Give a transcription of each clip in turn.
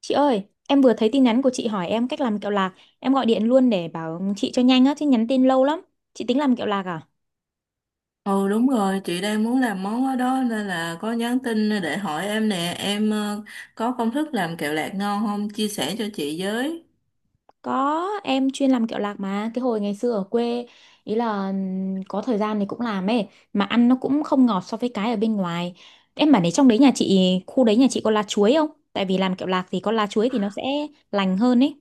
Chị ơi, em vừa thấy tin nhắn của chị hỏi em cách làm kẹo lạc. Em gọi điện luôn để bảo chị cho nhanh á, chứ nhắn tin lâu lắm. Chị tính làm kẹo lạc à? Ừ, đúng rồi, chị đang muốn làm món đó nên là có nhắn tin để hỏi em nè, em có công thức làm kẹo lạc ngon không? Chia sẻ cho chị với. Có, em chuyên làm kẹo lạc mà. Cái hồi ngày xưa ở quê, ý là có thời gian thì cũng làm ấy. Mà ăn nó cũng không ngọt so với cái ở bên ngoài. Em bảo đấy trong đấy nhà chị, khu đấy nhà chị có lá chuối không? Tại vì làm kẹo lạc thì có lá chuối thì nó sẽ lành hơn ấy.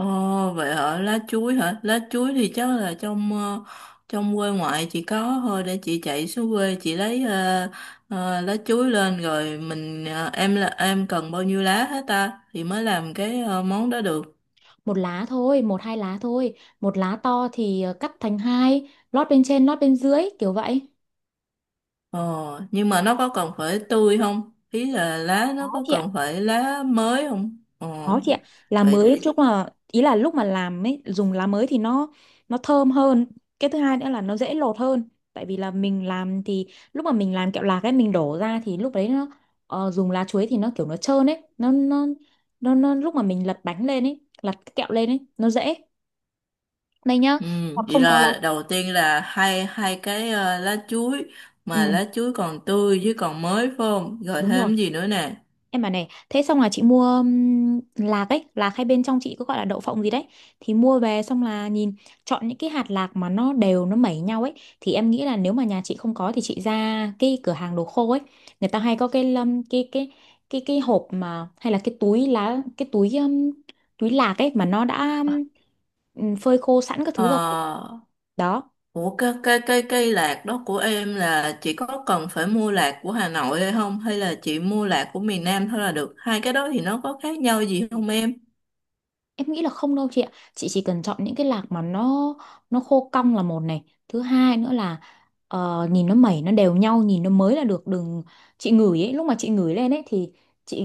Ồ vậy hả? Lá chuối thì chắc là trong quê ngoại chị có thôi, để chị chạy xuống quê chị lấy lá chuối lên, rồi em là em cần bao nhiêu lá hết ta thì mới làm cái món đó được. Một lá thôi, một hai lá thôi. Một lá to thì cắt thành hai, lót bên trên, lót bên dưới, kiểu vậy. Ờ, nhưng mà nó có cần phải tươi không? Ý là lá nó có có thì cần phải lá mới không? Ờ, Có chị ạ, lá vậy mới, để lúc là ý là lúc mà làm ấy dùng lá mới thì nó thơm hơn. Cái thứ hai nữa là nó dễ lột hơn. Tại vì là mình làm thì lúc mà mình làm kẹo lạc ấy mình đổ ra thì lúc đấy nó dùng lá chuối thì nó kiểu nó trơn ấy, nó lúc mà mình lật bánh lên ấy, lật cái kẹo lên ấy, nó dễ. Đây nhá, ừ, hoặc Vậy không có lá. là đầu tiên là hai hai cái lá chuối, Ừ, mà lá chuối còn tươi với còn mới phải không? Rồi đúng rồi. thêm gì nữa nè? Em bảo này, thế xong là chị mua lạc ấy, lạc hay bên trong chị có gọi là đậu phộng gì đấy. Thì mua về xong là nhìn, chọn những cái hạt lạc mà nó đều, nó mẩy nhau ấy. Thì em nghĩ là nếu mà nhà chị không có thì chị ra cái cửa hàng đồ khô ấy. Người ta hay có cái hộp, mà hay là cái túi lá cái túi túi lạc ấy mà nó đã phơi khô sẵn các Ờ, thứ rồi. Đó. ủa, cái cây lạc đó của em là chỉ có cần phải mua lạc của Hà Nội hay không? Hay là chị mua lạc của miền Nam thôi là được? Hai cái đó thì nó có khác nhau gì không em? Em nghĩ là không đâu chị ạ. Chị chỉ cần chọn những cái lạc mà nó khô cong là một này. Thứ hai nữa là nhìn nó mẩy nó đều nhau, nhìn nó mới là được. Đừng, chị ngửi ấy, lúc mà chị ngửi lên ấy thì chị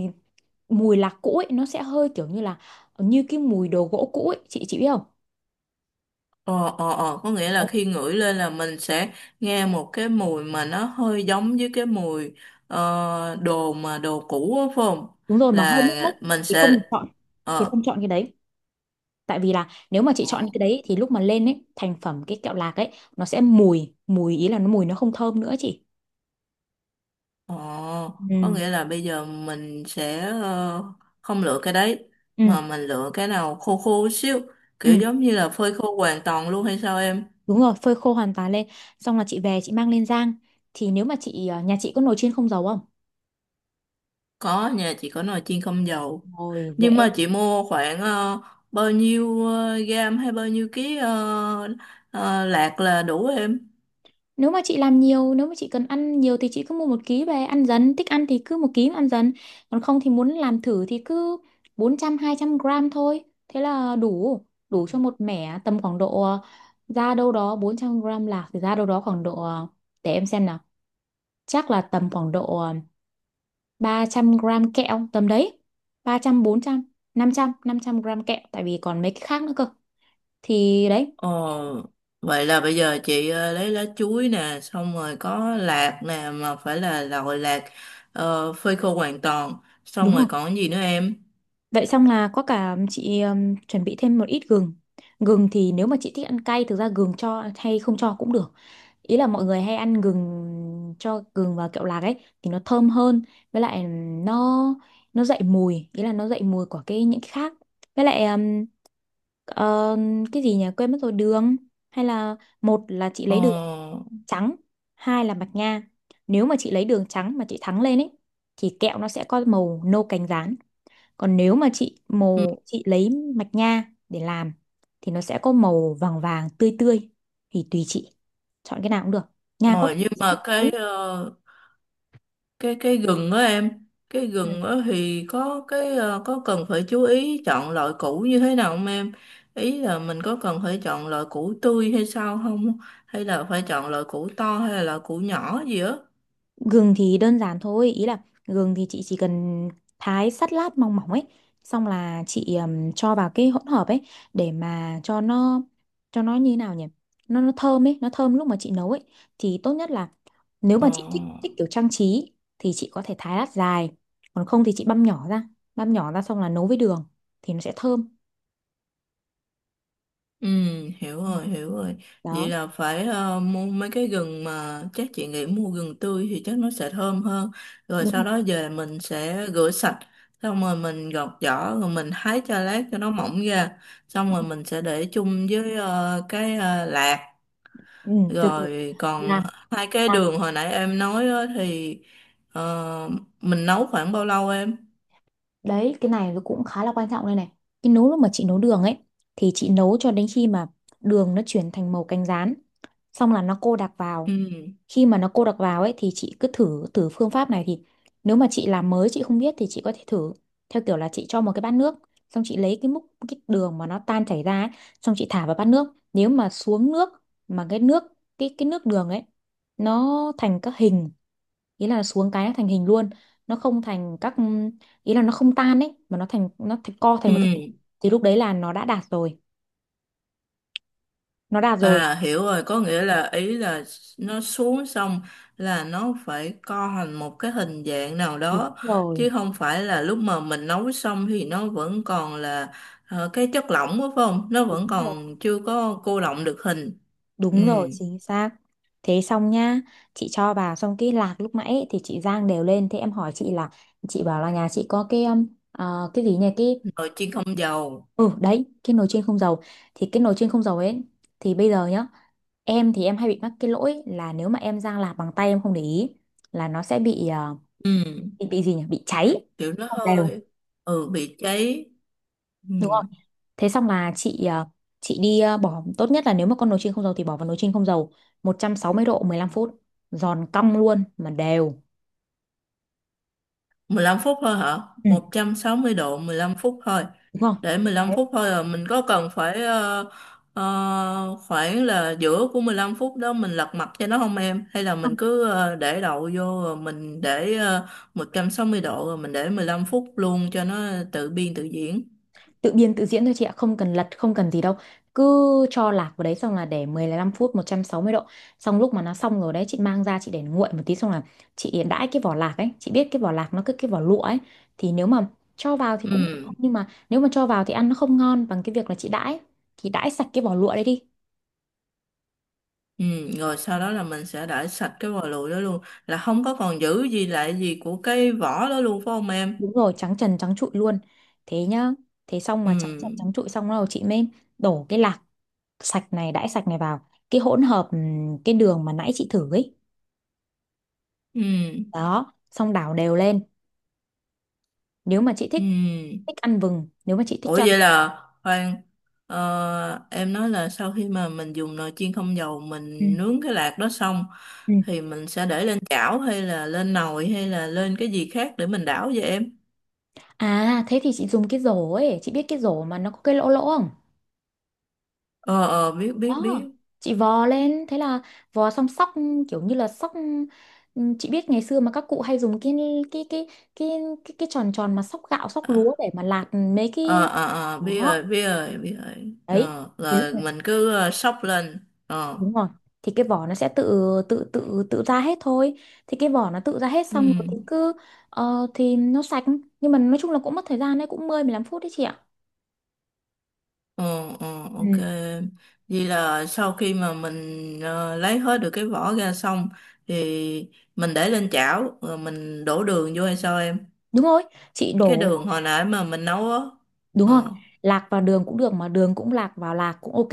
mùi lạc cũ ấy nó sẽ hơi kiểu như là như cái mùi đồ gỗ cũ ấy, chị biết không? Ờ, ờ, ờ, có nghĩa là Đấy. khi ngửi lên là mình sẽ nghe một cái mùi mà nó hơi giống với cái mùi đồ cũ á phải không? Đúng rồi, mà hơi mốc mốc Là mình thì không sẽ. được chọn, thì Ờ, không chọn cái đấy. Tại vì là nếu mà chị ờ, chọn cái đấy thì lúc mà lên ấy thành phẩm cái kẹo lạc ấy nó sẽ mùi mùi ý là nó mùi, nó không thơm nữa chị. ờ, Ừ. có nghĩa là bây giờ mình sẽ không lựa cái đấy, Ừ. mà mình lựa cái nào khô khô xíu, Ừ. kiểu giống như là phơi khô hoàn toàn luôn hay sao em? Đúng rồi, phơi khô hoàn toàn lên. Xong là chị về chị mang lên rang. Thì nếu mà chị nhà chị có nồi chiên không dầu không? Có, nhà chị có nồi chiên không dầu. Rồi Nhưng dễ. mà chị mua khoảng bao nhiêu gam hay bao nhiêu ký ờ, lạc là đủ em? Nếu mà chị làm nhiều, nếu mà chị cần ăn nhiều thì chị cứ mua 1 ký về ăn dần, thích ăn thì cứ 1 ký mà ăn dần. Còn không thì muốn làm thử thì cứ 400 200 gram thôi. Thế là đủ, đủ cho một mẻ tầm khoảng độ ra đâu đó 400 gram lạc thì ra đâu đó khoảng độ để em xem nào. Chắc là tầm khoảng độ 300 gram kẹo tầm đấy, ba trăm trăm bốn trăm, năm trăm gram kẹo, tại vì còn mấy cái khác nữa cơ, thì đấy. Ờ, vậy là bây giờ chị lấy lá chuối nè, xong rồi có lạc nè, mà phải là loại lạc phơi khô hoàn toàn. Xong Đúng rồi rồi. còn cái gì nữa em? Vậy xong là có cả chị chuẩn bị thêm một ít gừng. Gừng thì nếu mà chị thích ăn cay, thực ra gừng cho hay không cho cũng được. Ý là mọi người hay ăn gừng, cho gừng vào kẹo lạc ấy thì nó thơm hơn, với lại nó nó dậy mùi, ý là nó dậy mùi của cái những cái khác. Với lại ờ, cái gì nhỉ, quên mất rồi, đường, hay là, một là chị Ờ, lấy đường trắng, hai là mạch nha. Nếu mà chị lấy đường trắng mà chị thắng lên ấy thì kẹo nó sẽ có màu nâu cánh gián, còn nếu mà ừ, chị lấy mạch nha để làm thì nó sẽ có màu vàng vàng tươi tươi, thì tùy chị chọn cái nào cũng được. Nha có ờ, nhưng sẵn mà cái đấy. ờ, cái cái gừng đó em, cái Ừ. gừng đó thì có cần phải chú ý chọn loại củ như thế nào không em, ý là mình có cần phải chọn loại củ tươi hay sao không, hay là phải chọn loại củ to hay là loại củ nhỏ gì á? Gừng thì đơn giản thôi, ý là gừng thì chị chỉ cần thái sắt lát mỏng mỏng ấy, xong là chị cho vào cái hỗn hợp ấy để mà cho nó, cho nó như thế nào nhỉ? Nó thơm ấy, nó thơm lúc mà chị nấu ấy, thì tốt nhất là nếu ờ mà chị thích thích kiểu trang trí thì chị có thể thái lát dài, còn không thì chị băm nhỏ ra, băm nhỏ ra xong là nấu với đường thì nó sẽ thơm. Ừ, hiểu Ừ. rồi, hiểu rồi. Vậy Đó, là phải mua mấy cái gừng, mà chắc chị nghĩ mua gừng tươi thì chắc nó sẽ thơm hơn. Rồi đúng sau không? đó về mình sẽ rửa sạch, xong rồi mình gọt vỏ, rồi mình thái cho lát cho nó mỏng ra. Xong rồi mình sẽ để chung với cái lạc. Ừ, từ từ, Rồi lạc còn hai cái lạc đường hồi nãy em nói á thì ờ, mình nấu khoảng bao lâu em? đấy, cái này nó cũng khá là quan trọng đây này. Cái nấu, lúc mà chị nấu đường ấy thì chị nấu cho đến khi mà đường nó chuyển thành màu cánh gián, xong là nó cô đặc vào. Ừ. Khi mà nó cô đặc vào ấy thì chị cứ thử thử phương pháp này thì, nếu mà chị làm mới, chị không biết thì chị có thể thử theo kiểu là chị cho một cái bát nước, xong chị lấy cái múc cái đường mà nó tan chảy ra ấy, xong chị thả vào bát nước, nếu mà xuống nước mà cái nước đường ấy nó thành các hình, ý là xuống cái nó thành hình luôn, nó không thành các, ý là nó không tan ấy mà nó thành co thành Ừ. một cái hình. Thì lúc đấy là nó đã đạt rồi, nó đạt rồi. À hiểu rồi, có nghĩa là ý là nó xuống xong là nó phải co thành một cái hình dạng nào Đúng đó, rồi chứ không phải là lúc mà mình nấu xong thì nó vẫn còn là cái chất lỏng đó, phải không? Nó vẫn đúng còn chưa có cô đọng được hình. Ừ, Đúng rồi, chính xác. Thế xong nhá, chị cho vào xong cái lạc lúc nãy ấy, thì chị rang đều lên. Thế em hỏi chị là, chị bảo là nhà chị có cái cái gì nhỉ, nồi chiên không dầu. Ừ đấy, cái nồi chiên không dầu. Thì cái nồi chiên không dầu ấy, thì bây giờ nhá, em thì em hay bị mắc cái lỗi là nếu mà em rang lạc bằng tay em không để ý là nó sẽ bị Ừ, bị gì nhỉ, bị cháy, kiểu nó không đều, hơi bị cháy. Ừ. đúng không? Thế xong là chị chị đi bỏ, tốt nhất là nếu mà con nồi chiên không dầu thì bỏ vào nồi chiên không dầu 160 độ 15 phút, giòn cong luôn mà đều, 15 phút thôi hả? ừ, 160 độ 15 phút thôi. đúng không? Để Thế, 15 phút thôi là mình có cần phải khoảng là giữa của 15 phút đó mình lật mặt cho nó không em? Hay là không, mình cứ để đậu vô rồi mình để 160 độ rồi mình để 15 phút luôn cho nó tự biên tự diễn. tự biên tự diễn thôi chị ạ, không cần lật, không cần gì đâu, cứ cho lạc vào đấy xong là để 15 phút, 160 độ. Xong lúc mà nó xong rồi đấy chị mang ra chị để nguội một tí, xong là chị đãi cái vỏ lạc ấy, chị biết cái vỏ lạc nó cứ cái vỏ lụa ấy, thì nếu mà cho vào thì cũng được, Ừ. nhưng mà nếu mà cho vào thì ăn nó không ngon bằng cái việc là chị đãi, thì đãi sạch cái vỏ lụa đấy đi. Ừ, rồi sau đó là mình sẽ đãi sạch cái vò lụi đó luôn, là không có còn giữ gì lại gì của cái vỏ đó luôn phải không em? Đúng rồi, trắng trần trắng trụi luôn. Thế nhá. Thế xong Ừ. mà trắng trần trắng trụi xong rồi chị mới đổ cái lạc sạch này, đãi sạch này vào. Cái hỗn hợp cái đường mà nãy chị thử ấy. Ừ. Đó, xong đảo đều lên. Nếu mà chị Ừ. thích ừ. thích ăn vừng, nếu mà chị thích Ủa cho. vậy là khoan, em nói là sau khi mà mình dùng nồi chiên không dầu Ừ. mình nướng cái lạc đó xong Ừ. thì mình sẽ để lên chảo hay là lên nồi hay là lên cái gì khác để mình đảo vậy em? À, thế thì chị dùng cái rổ ấy, chị biết cái rổ mà nó có cái lỗ lỗ không? Ờ ờ, biết biết Đó, biết. chị vò lên, thế là vò xong sóc, kiểu như là sóc, ừ, chị biết ngày xưa mà các cụ hay dùng cái cái cái cái tròn tròn mà sóc gạo sóc À, lúa để mà lạt mấy ờ cái, ờ ờ, biết đó rồi biết rồi biết rồi. đấy, Ờ, thì là lúc này, mình cứ xóc lên. Ờ. đúng rồi, thì cái vỏ nó sẽ tự tự ra hết thôi, thì cái vỏ nó tự ra hết Ừ. xong rồi thì cứ thì nó sạch, nhưng mà nói chung là cũng mất thời gian đấy, cũng 10 15 phút đấy chị ạ. Ờ, ờ, Ừ. ok. Vậy là sau khi mà mình lấy hết được cái vỏ ra xong thì mình để lên chảo rồi mình đổ đường vô hay sao em? Đúng rồi, chị Cái đổ, đường hồi nãy mà mình nấu á. đúng rồi, Ờ. lạc vào đường cũng được mà đường lạc vào lạc cũng ok,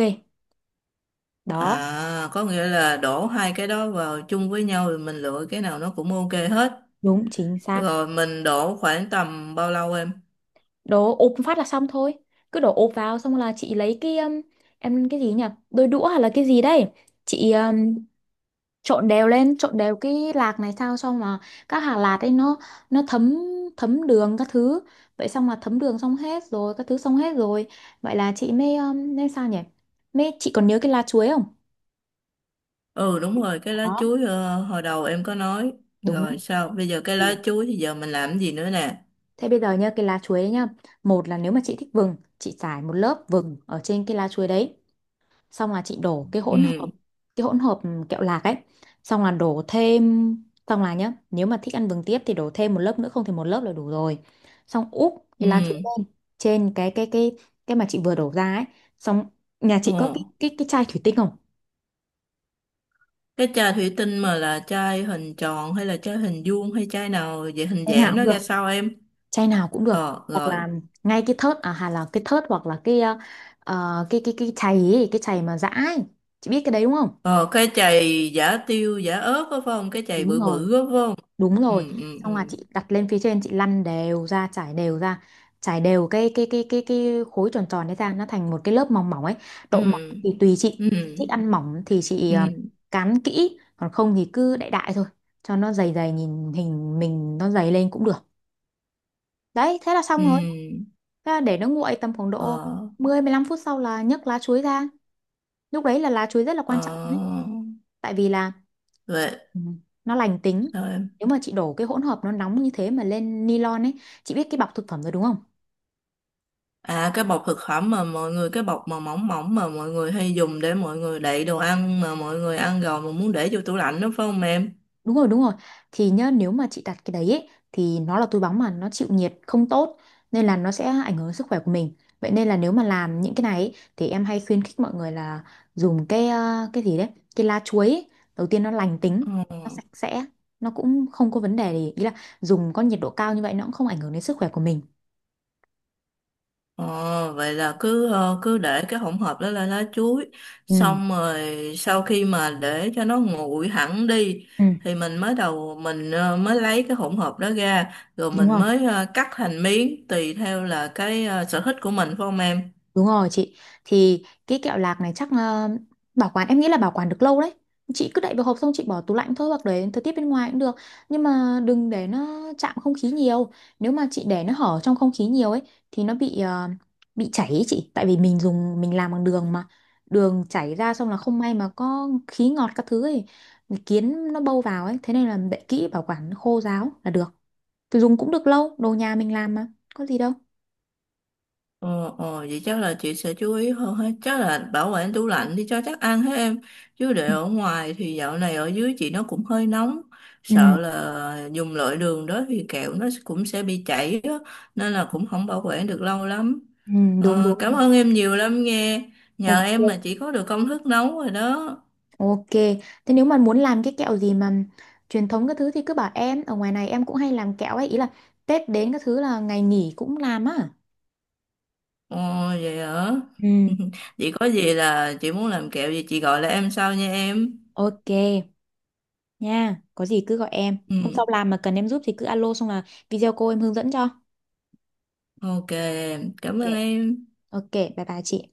đó. À, có nghĩa là đổ hai cái đó vào chung với nhau rồi mình lựa cái nào nó cũng ok hết. Đúng, chính xác. Rồi mình đổ khoảng tầm bao lâu em? Đổ ốp phát là xong thôi, cứ đổ ốp vào xong là chị lấy cái em cái gì nhỉ, đôi đũa hay là cái gì đấy. Chị trộn đều lên, trộn đều cái lạc này sao. Xong mà các hạt lạc ấy nó thấm, thấm đường các thứ. Vậy xong là thấm đường xong hết rồi, các thứ xong hết rồi. Vậy là chị mới nên sao nhỉ, mới, chị còn nhớ cái lá chuối không? Ừ đúng rồi, cái lá Đó. chuối hồi đầu em có nói. Đúng Rồi sao? Bây giờ cái thì lá chuối thì giờ mình làm cái gì nữa nè? thế bây giờ nha, cái lá chuối ấy nhá, một là nếu mà chị thích vừng, chị trải một lớp vừng ở trên cái lá chuối đấy, xong là chị đổ cái hỗn hợp, Ừ. Kẹo lạc ấy, xong là đổ thêm, xong là nhá, nếu mà thích ăn vừng tiếp thì đổ thêm một lớp nữa, không thì một lớp là đủ rồi, xong úp cái lá chuối Ừ. lên trên cái cái mà chị vừa đổ ra ấy, xong nhà chị có cái Ồ. cái cái chai thủy tinh không? Cái chai thủy tinh mà là chai hình tròn hay là chai hình vuông hay chai nào vậy, hình chai nào dạng cũng nó được ra sao em? chai nào cũng được Ờ hoặc rồi. là ngay cái thớt, à hay là cái thớt, hoặc là cái chày ấy, cái chày mà giã ấy, chị biết cái đấy đúng không? Ờ, cái chày giả tiêu giả ớt có phải không? Cái chày đúng bự rồi bự có phải không? đúng Ừ rồi ừ Xong mà ừ. chị đặt lên phía trên, chị lăn đều ra, trải đều ra, trải đều cái khối tròn tròn đấy ra, nó thành một cái lớp mỏng mỏng ấy. Độ mỏng Ừ thì tùy chị ừ Chị thích ăn mỏng thì chị ừ. Ừ. cán kỹ, còn không thì cứ đại đại thôi, cho nó dày dày, nhìn hình mình nó dày lên cũng được. Đấy, thế là xong rồi. ừ. Thế là để nó nguội tầm khoảng độ Ờ 10 15 phút sau là nhấc lá chuối ra. Lúc đấy là lá chuối rất là ờ, quan trọng đấy, tại vì là, vậy ừ, nó lành tính. sao em? Nếu mà chị đổ cái hỗn hợp nó nóng như thế mà lên nylon ấy, chị biết cái bọc thực phẩm rồi đúng không? À, cái bọc thực phẩm mà mọi người, cái bọc mà mỏng mỏng mà mọi người hay dùng để mọi người đậy đồ ăn mà mọi người ăn rồi mà muốn để vô tủ lạnh đó phải không em? Đúng rồi. Thì nhá, nếu mà chị đặt cái đấy ấy, thì nó là túi bóng mà nó chịu nhiệt không tốt, nên là nó sẽ ảnh hưởng đến sức khỏe của mình. Vậy nên là nếu mà làm những cái này ấy, thì em hay khuyến khích mọi người là dùng cái gì đấy, cái lá chuối ấy. Đầu tiên nó lành tính, nó Ờ. sạch sẽ, nó cũng không có vấn đề gì, ý là dùng có nhiệt độ cao như vậy nó cũng không ảnh hưởng đến sức khỏe của mình. Ờ, vậy là cứ cứ để cái hỗn hợp đó lên lá chuối, Ừ, xong rồi sau khi mà để cho nó nguội hẳn đi ừ, thì mình mới đầu mình mới lấy cái hỗn hợp đó ra, rồi đúng mình rồi. mới cắt thành miếng tùy theo là cái sở thích của mình phải không em? Đúng rồi chị. Thì cái kẹo lạc này chắc bảo quản, em nghĩ là bảo quản được lâu đấy. Chị cứ đậy vào hộp xong chị bỏ tủ lạnh thôi, hoặc để thời tiết bên ngoài cũng được, nhưng mà đừng để nó chạm không khí nhiều. Nếu mà chị để nó hở trong không khí nhiều ấy, thì nó bị bị chảy ấy chị, tại vì mình dùng, mình làm bằng đường mà. Đường chảy ra xong là không may mà có khí ngọt các thứ ấy, kiến nó bâu vào ấy, thế nên là đậy kỹ, bảo quản khô ráo là được, thì dùng cũng được lâu. Đồ nhà mình làm mà, có gì đâu. Ờ, ờ, vậy chắc là chị sẽ chú ý hơn hết. Chắc là bảo quản tủ lạnh đi cho chắc ăn hết em. Chứ để ở ngoài thì dạo này ở dưới chị nó cũng hơi nóng. Ừ, Sợ là dùng loại đường đó thì kẹo nó cũng sẽ bị chảy á. Nên là cũng không bảo quản được lâu lắm. ừ, đúng Ờ, đúng. cảm ơn em nhiều lắm nghe. Nhờ Ok. em mà chị có được công thức nấu rồi đó. Ok, thế nếu mà muốn làm cái kẹo gì mà truyền thống các thứ thì cứ bảo em, ở ngoài này em cũng hay làm kẹo ấy, ý là Tết đến các thứ là ngày nghỉ cũng làm á. Ồ, vậy hả? Ừ, Chị có gì là chị muốn làm kẹo gì chị gọi lại em sau nha em. ok nha. Có gì cứ gọi em. Hôm Ừ, sau làm mà cần em giúp thì cứ alo xong là video cô em hướng dẫn cho. ok em. Cảm Thế. ơn em. Ok, bye bye chị.